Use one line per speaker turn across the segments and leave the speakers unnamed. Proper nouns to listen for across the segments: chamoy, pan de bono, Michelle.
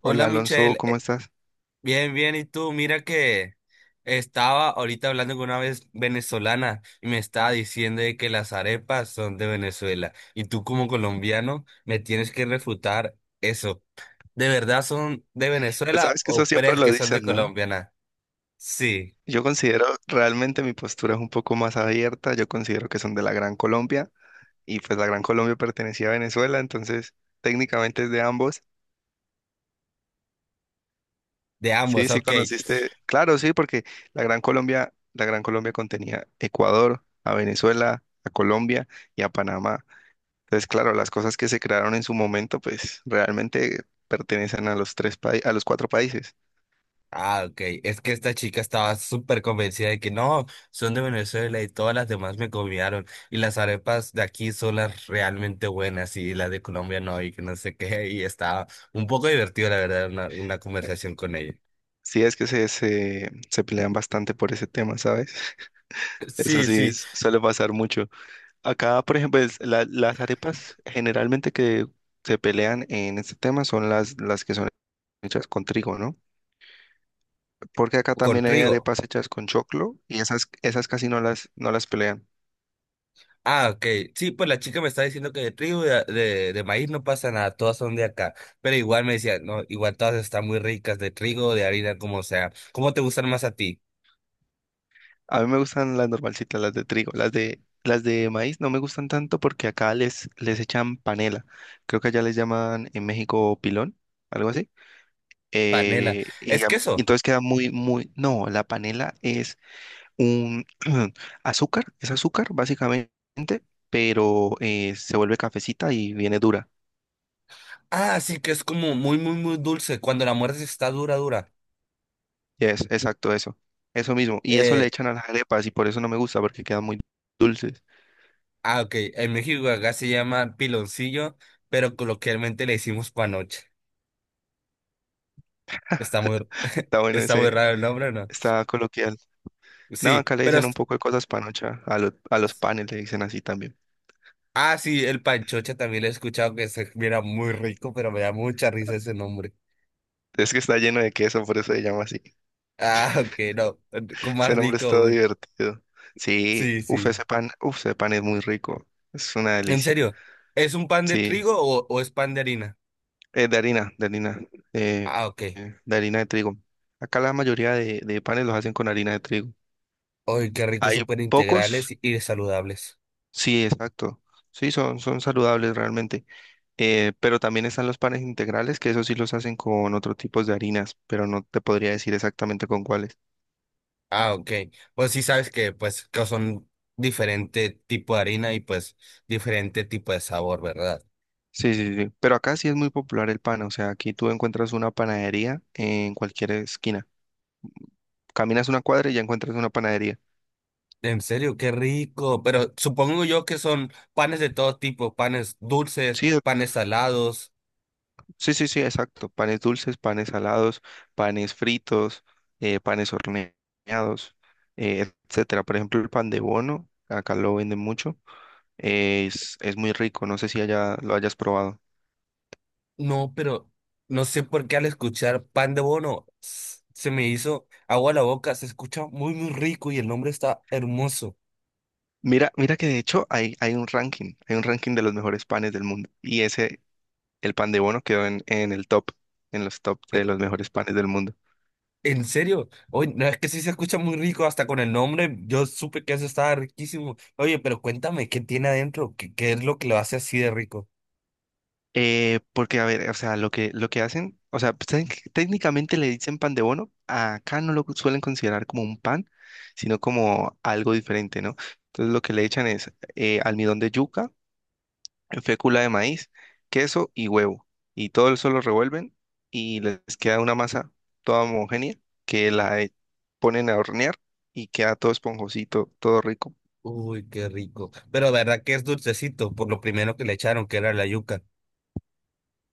Hola
Hola
Alonso,
Michelle,
¿cómo estás?
Bien, bien, ¿y tú? Mira que estaba ahorita hablando con una vez venezolana y me estaba diciendo de que las arepas son de Venezuela y tú como colombiano me tienes que refutar eso. ¿De verdad son de
Pues
Venezuela
sabes que eso
o
siempre
crees
lo
que son
dicen,
de
¿no?
Colombia? ¿Na? Sí,
Yo considero realmente mi postura es un poco más abierta, yo considero que son de la Gran Colombia y pues la Gran Colombia pertenecía a Venezuela, entonces técnicamente es de ambos.
de
Sí,
ambos,
sí
ok.
conociste, claro, sí, porque la Gran Colombia contenía Ecuador, a Venezuela, a Colombia y a Panamá. Entonces, claro, las cosas que se crearon en su momento pues realmente pertenecen a los tres países, a los cuatro países.
Ah, ok. Es que esta chica estaba súper convencida de que no, son de Venezuela y todas las demás me copiaron. Y las arepas de aquí son las realmente buenas y las de Colombia no, y que no sé qué. Y estaba un poco divertido, la verdad, una conversación con ella.
Sí, es que se pelean bastante por ese tema, ¿sabes? Eso
Sí,
sí,
sí,
suele pasar mucho. Acá, por ejemplo, las arepas generalmente que se pelean en este tema son las que son hechas con trigo, ¿no? Porque acá
con
también hay
trigo.
arepas hechas con choclo y esas, esas casi no no las pelean.
Ah, ok. Sí, pues la chica me está diciendo que de trigo y de maíz no pasa nada, todas son de acá. Pero igual me decía, no, igual todas están muy ricas, de trigo, de harina, como sea. ¿Cómo te gustan más a ti?
A mí me gustan las normalcitas, las de trigo. Las de maíz no me gustan tanto porque acá les echan panela. Creo que allá les llaman en México pilón, algo así.
Panela.
eh, y,
Es
ya- y
queso.
entonces queda muy, muy, no, la panela es un azúcar, es azúcar básicamente, pero se vuelve cafecita y viene dura.
Ah, sí, que es como muy, muy, muy dulce. Cuando la muerte está dura, dura.
Es exacto eso, eso mismo. Y eso le
Eh,
echan a las arepas y por eso no me gusta porque quedan muy dulces.
ok. En México acá se llama piloncillo, pero coloquialmente le decimos panocha. Está muy,
Está bueno
está muy
ese,
raro el nombre, ¿no?
está coloquial. No,
Sí,
acá le
pero
dicen un poco de cosas panocha, a los
es-
panes le dicen así también.
Ah, sí, el panchocha también lo he escuchado que se mira muy rico, pero me da mucha risa ese nombre.
Es que está lleno de queso, por eso se llama así.
Ah, ok, no. Con más
Ese nombre
rico
es todo
aún.
divertido. Sí,
Sí, sí.
uf, ese pan es muy rico. Es una
En
delicia.
serio, ¿es un pan de
Sí,
trigo o es pan de harina?
de harina, de harina, eh,
Ah, ok.
de harina de trigo. Acá la mayoría de panes los hacen con harina de trigo.
Ay, qué rico,
Hay
súper integrales
pocos,
y saludables.
sí, exacto. Sí, son, son saludables realmente. Pero también están los panes integrales, que esos sí los hacen con otro tipos de harinas, pero no te podría decir exactamente con cuáles.
Ah, ok. Pues sí sabes que pues que son diferente tipo de harina y pues diferente tipo de sabor, ¿verdad?
Sí, sí, sí, sí. Pero acá sí es muy popular el pan, o sea, aquí tú encuentras una panadería en cualquier esquina. Caminas una cuadra y ya encuentras una panadería.
En serio, qué rico. Pero supongo yo que son panes de todo tipo, panes dulces,
Sí, doc-
panes salados.
sí, sí, sí, exacto. Panes dulces, panes salados, panes fritos, panes horneados, etcétera. Por ejemplo, el pan de bono, acá lo venden mucho. Es muy rico, no sé si allá lo hayas probado.
No, pero no sé por qué al escuchar pan de bono se me hizo agua a la boca. Se escucha muy, muy rico y el nombre está hermoso.
Mira, mira que de hecho hay un ranking de los mejores panes del mundo. Y ese, el pan de bono quedó en el top, en los top de los mejores panes del mundo.
¿En serio? Oye, no, es que sí se escucha muy rico, hasta con el nombre, yo supe que eso estaba riquísimo. Oye, pero cuéntame, ¿qué tiene adentro? ¿Qué, qué es lo que lo hace así de rico?
Porque, a ver, o sea, lo que hacen, o sea, pues, técnicamente le dicen pan de bono, acá no lo suelen considerar como un pan, sino como algo diferente, ¿no? Entonces lo que le echan es almidón de yuca, fécula de maíz, queso y huevo, y todo eso lo revuelven y les queda una masa toda homogénea que la ponen a hornear y queda todo esponjosito, todo rico.
Uy, qué rico. Pero verdad que es dulcecito, por lo primero que le echaron, que era la yuca.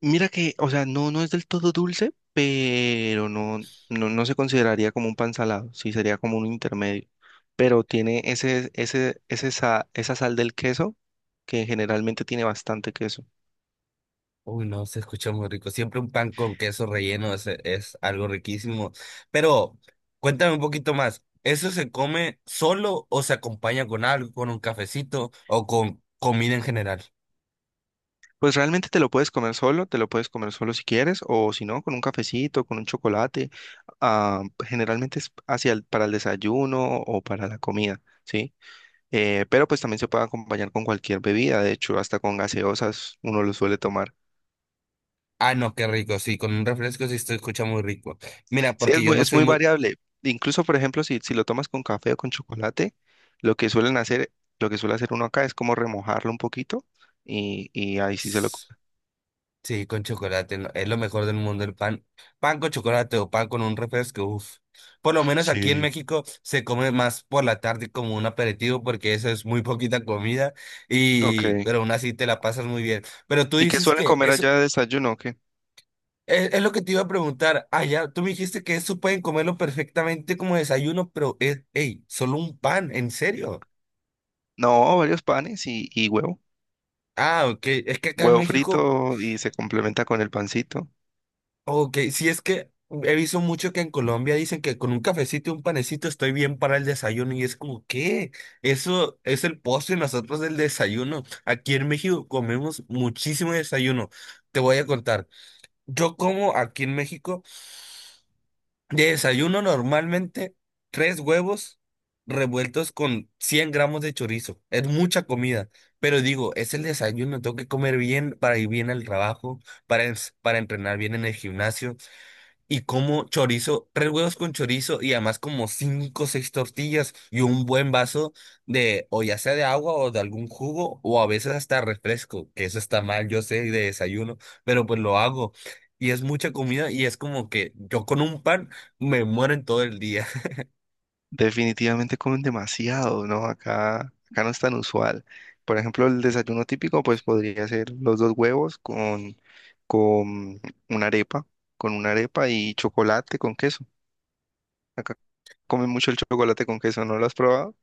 Mira que, o sea, no, no es del todo dulce, pero no, no, no se consideraría como un pan salado, sí sería como un intermedio. Pero tiene ese, ese, esa sal del queso, que generalmente tiene bastante queso.
Uy, no, se escucha muy rico. Siempre un pan con queso relleno es algo riquísimo. Pero cuéntame un poquito más, ¿eso se come solo o se acompaña con algo, con un cafecito o con comida en general?
Pues realmente te lo puedes comer solo, te lo puedes comer solo si quieres, o si no, con un cafecito, con un chocolate. ah, Generalmente es para el desayuno o para la comida, ¿sí? Pero pues también se puede acompañar con cualquier bebida, de hecho, hasta con gaseosas uno lo suele tomar.
Ah, no, qué rico, sí, con un refresco sí se escucha muy rico. Mira,
Sí,
porque yo no
es
soy
muy
muy...
variable. Incluso, por ejemplo, si lo tomas con café o con chocolate, lo que suelen hacer, lo que suele hacer uno acá es como remojarlo un poquito y ahí sí se lo... co-
Sí, con chocolate, no, es lo mejor del mundo el pan. Pan con chocolate o pan con un refresco, uff. Por lo menos aquí en
Sí.
México se come más por la tarde como un aperitivo porque eso es muy poquita comida
Ok.
y pero aún así te la pasas muy bien. Pero tú
¿Y qué
dices
suelen
que
comer
eso
allá de desayuno? O ¿qué?
es lo que te iba a preguntar. Ah, ya, tú me dijiste que eso pueden comerlo perfectamente como desayuno, pero es, hey, solo un pan, ¿en serio?
No, varios panes y huevo.
Ah, ok. Es que acá en
Huevo
México
frito y se complementa con el pancito.
ok, sí es que he visto mucho que en Colombia dicen que con un cafecito y un panecito estoy bien para el desayuno y es como, ¿qué? Eso es el postre y nosotros el desayuno. Aquí en México comemos muchísimo desayuno. Te voy a contar. Yo como aquí en México de desayuno normalmente tres huevos revueltos con 100 gramos de chorizo. Es mucha comida, pero digo, es el desayuno, tengo que comer bien para ir bien al trabajo, para entrenar bien en el gimnasio. Y como chorizo, tres huevos con chorizo y además como cinco o seis tortillas y un buen vaso de, o ya sea de agua o de algún jugo o a veces hasta refresco, que eso está mal, yo sé, de desayuno, pero pues lo hago. Y es mucha comida y es como que yo con un pan me muero en todo el día.
Definitivamente comen demasiado, ¿no? Acá, acá no es tan usual. Por ejemplo, el desayuno típico, pues podría ser los dos huevos con una arepa, con una arepa y chocolate con queso. Acá comen mucho el chocolate con queso, ¿no lo has probado? O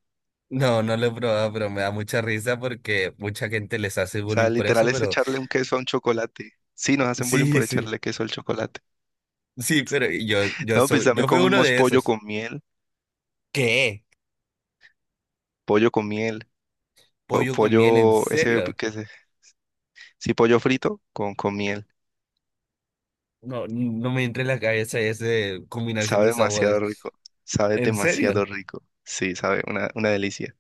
No, no lo he probado, pero me da mucha risa porque mucha gente les hace
sea,
bullying por
literal
eso,
es
pero
echarle un queso a un chocolate. Sí, nos hacen bullying
sí,
por
sí,
echarle queso al chocolate.
sí, pero yo, yo
No, pues
soy,
también
yo fui uno
comemos
de
pollo
esos.
con miel,
¿Qué?
pollo con miel,
¿Pollo con miel? ¿En
pollo, ese,
serio?
que es, sí, pollo frito con miel.
No, no me entra en la cabeza esa combinación
Sabe
de
demasiado
sabores.
rico, sabe
¿En serio?
demasiado rico. Sí, sabe, una delicia.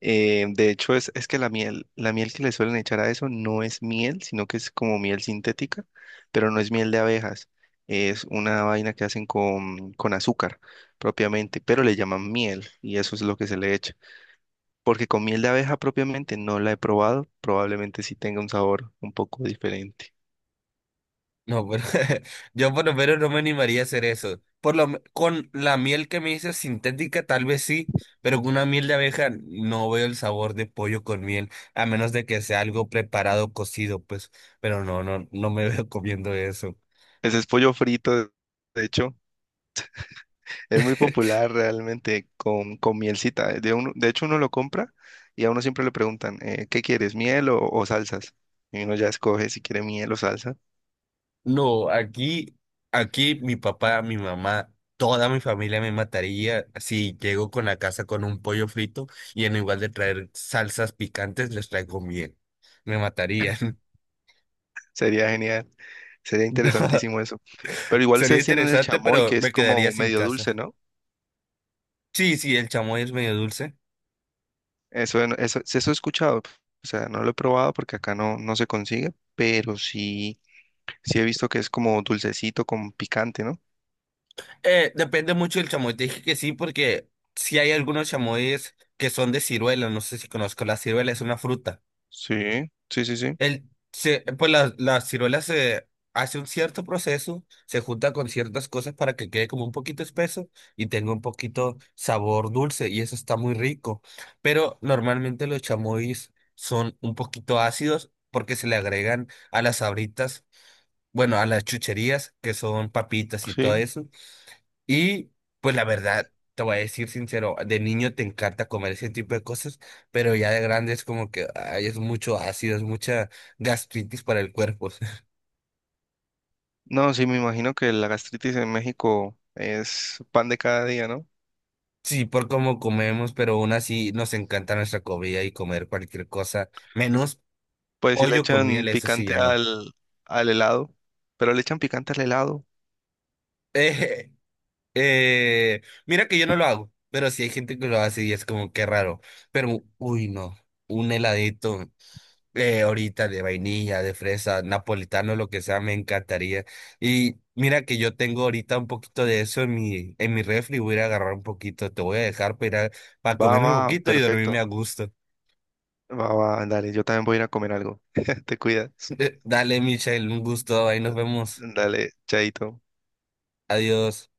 De hecho, es que la miel que le suelen echar a eso no es miel, sino que es como miel sintética, pero no es miel de abejas. Es una vaina que hacen con azúcar propiamente, pero le llaman miel y eso es lo que se le echa. Porque con miel de abeja propiamente no la he probado, probablemente sí tenga un sabor un poco diferente.
No, pero yo por lo menos no me animaría a hacer eso. Con la miel que me dices sintética, tal vez sí, pero con una miel de abeja no veo el sabor de pollo con miel, a menos de que sea algo preparado, cocido, pues. Pero no, no, no me veo comiendo eso.
Ese es pollo frito, de hecho. Es muy popular realmente con mielcita. De hecho, uno lo compra y a uno siempre le preguntan, ¿qué quieres, miel o salsas? Y uno ya escoge si quiere miel o salsa.
No, aquí, aquí mi papá, mi mamá, toda mi familia me mataría si llego con la casa con un pollo frito y en lugar de traer salsas picantes les traigo miel. Me matarían.
Sería genial, sería
No,
interesantísimo eso. Pero igual
sería
ustedes tienen el
interesante,
chamoy,
pero
que es
me
como
quedaría sin
medio dulce,
casa.
¿no?
Sí, sí, el chamoy es medio dulce.
Eso, eso he escuchado. O sea, no lo he probado porque acá no, no se consigue, pero sí, sí he visto que es como dulcecito con picante, ¿no?
Depende mucho del chamoy. Te dije que sí, porque si hay algunos chamoyes que son de ciruela. No sé si conozco la ciruela, es una fruta.
Sí, sí, sí, sí,
El, pues la ciruela se hace un cierto proceso, se junta con ciertas cosas para que quede como un poquito espeso y tenga un poquito sabor dulce y eso está muy rico. Pero normalmente los chamois son un poquito ácidos porque se le agregan a las sabritas, bueno, a las chucherías que son papitas y todo
sí.
eso. Y pues la verdad, te voy a decir sincero, de niño te encanta comer ese tipo de cosas, pero ya de grande es como que ay, es mucho ácido, es mucha gastritis para el cuerpo.
No, sí, me imagino que la gastritis en México es pan de cada día, ¿no?
Sí, por cómo comemos, pero aún así nos encanta nuestra comida y comer cualquier cosa, menos
Pues si le
pollo con
echan
miel, eso sí ya
picante
no.
al helado, pero le echan picante al helado.
Eh, mira que yo no lo hago, pero sí hay gente que lo hace y es como que raro. Pero, uy, no, un heladito. Eh, ahorita de vainilla, de fresa, napolitano, lo que sea, me encantaría. Y mira que yo tengo ahorita un poquito de eso en mi refri, voy a ir a agarrar un poquito, te voy a dejar para ir a para
Va,
comerme
va,
un poquito y
perfecto.
dormirme a gusto.
Va, va, dale, yo también voy a ir a comer algo. Te cuidas.
Dale, Michelle, un gusto, ahí nos vemos.
Dale, chaito.
Adiós.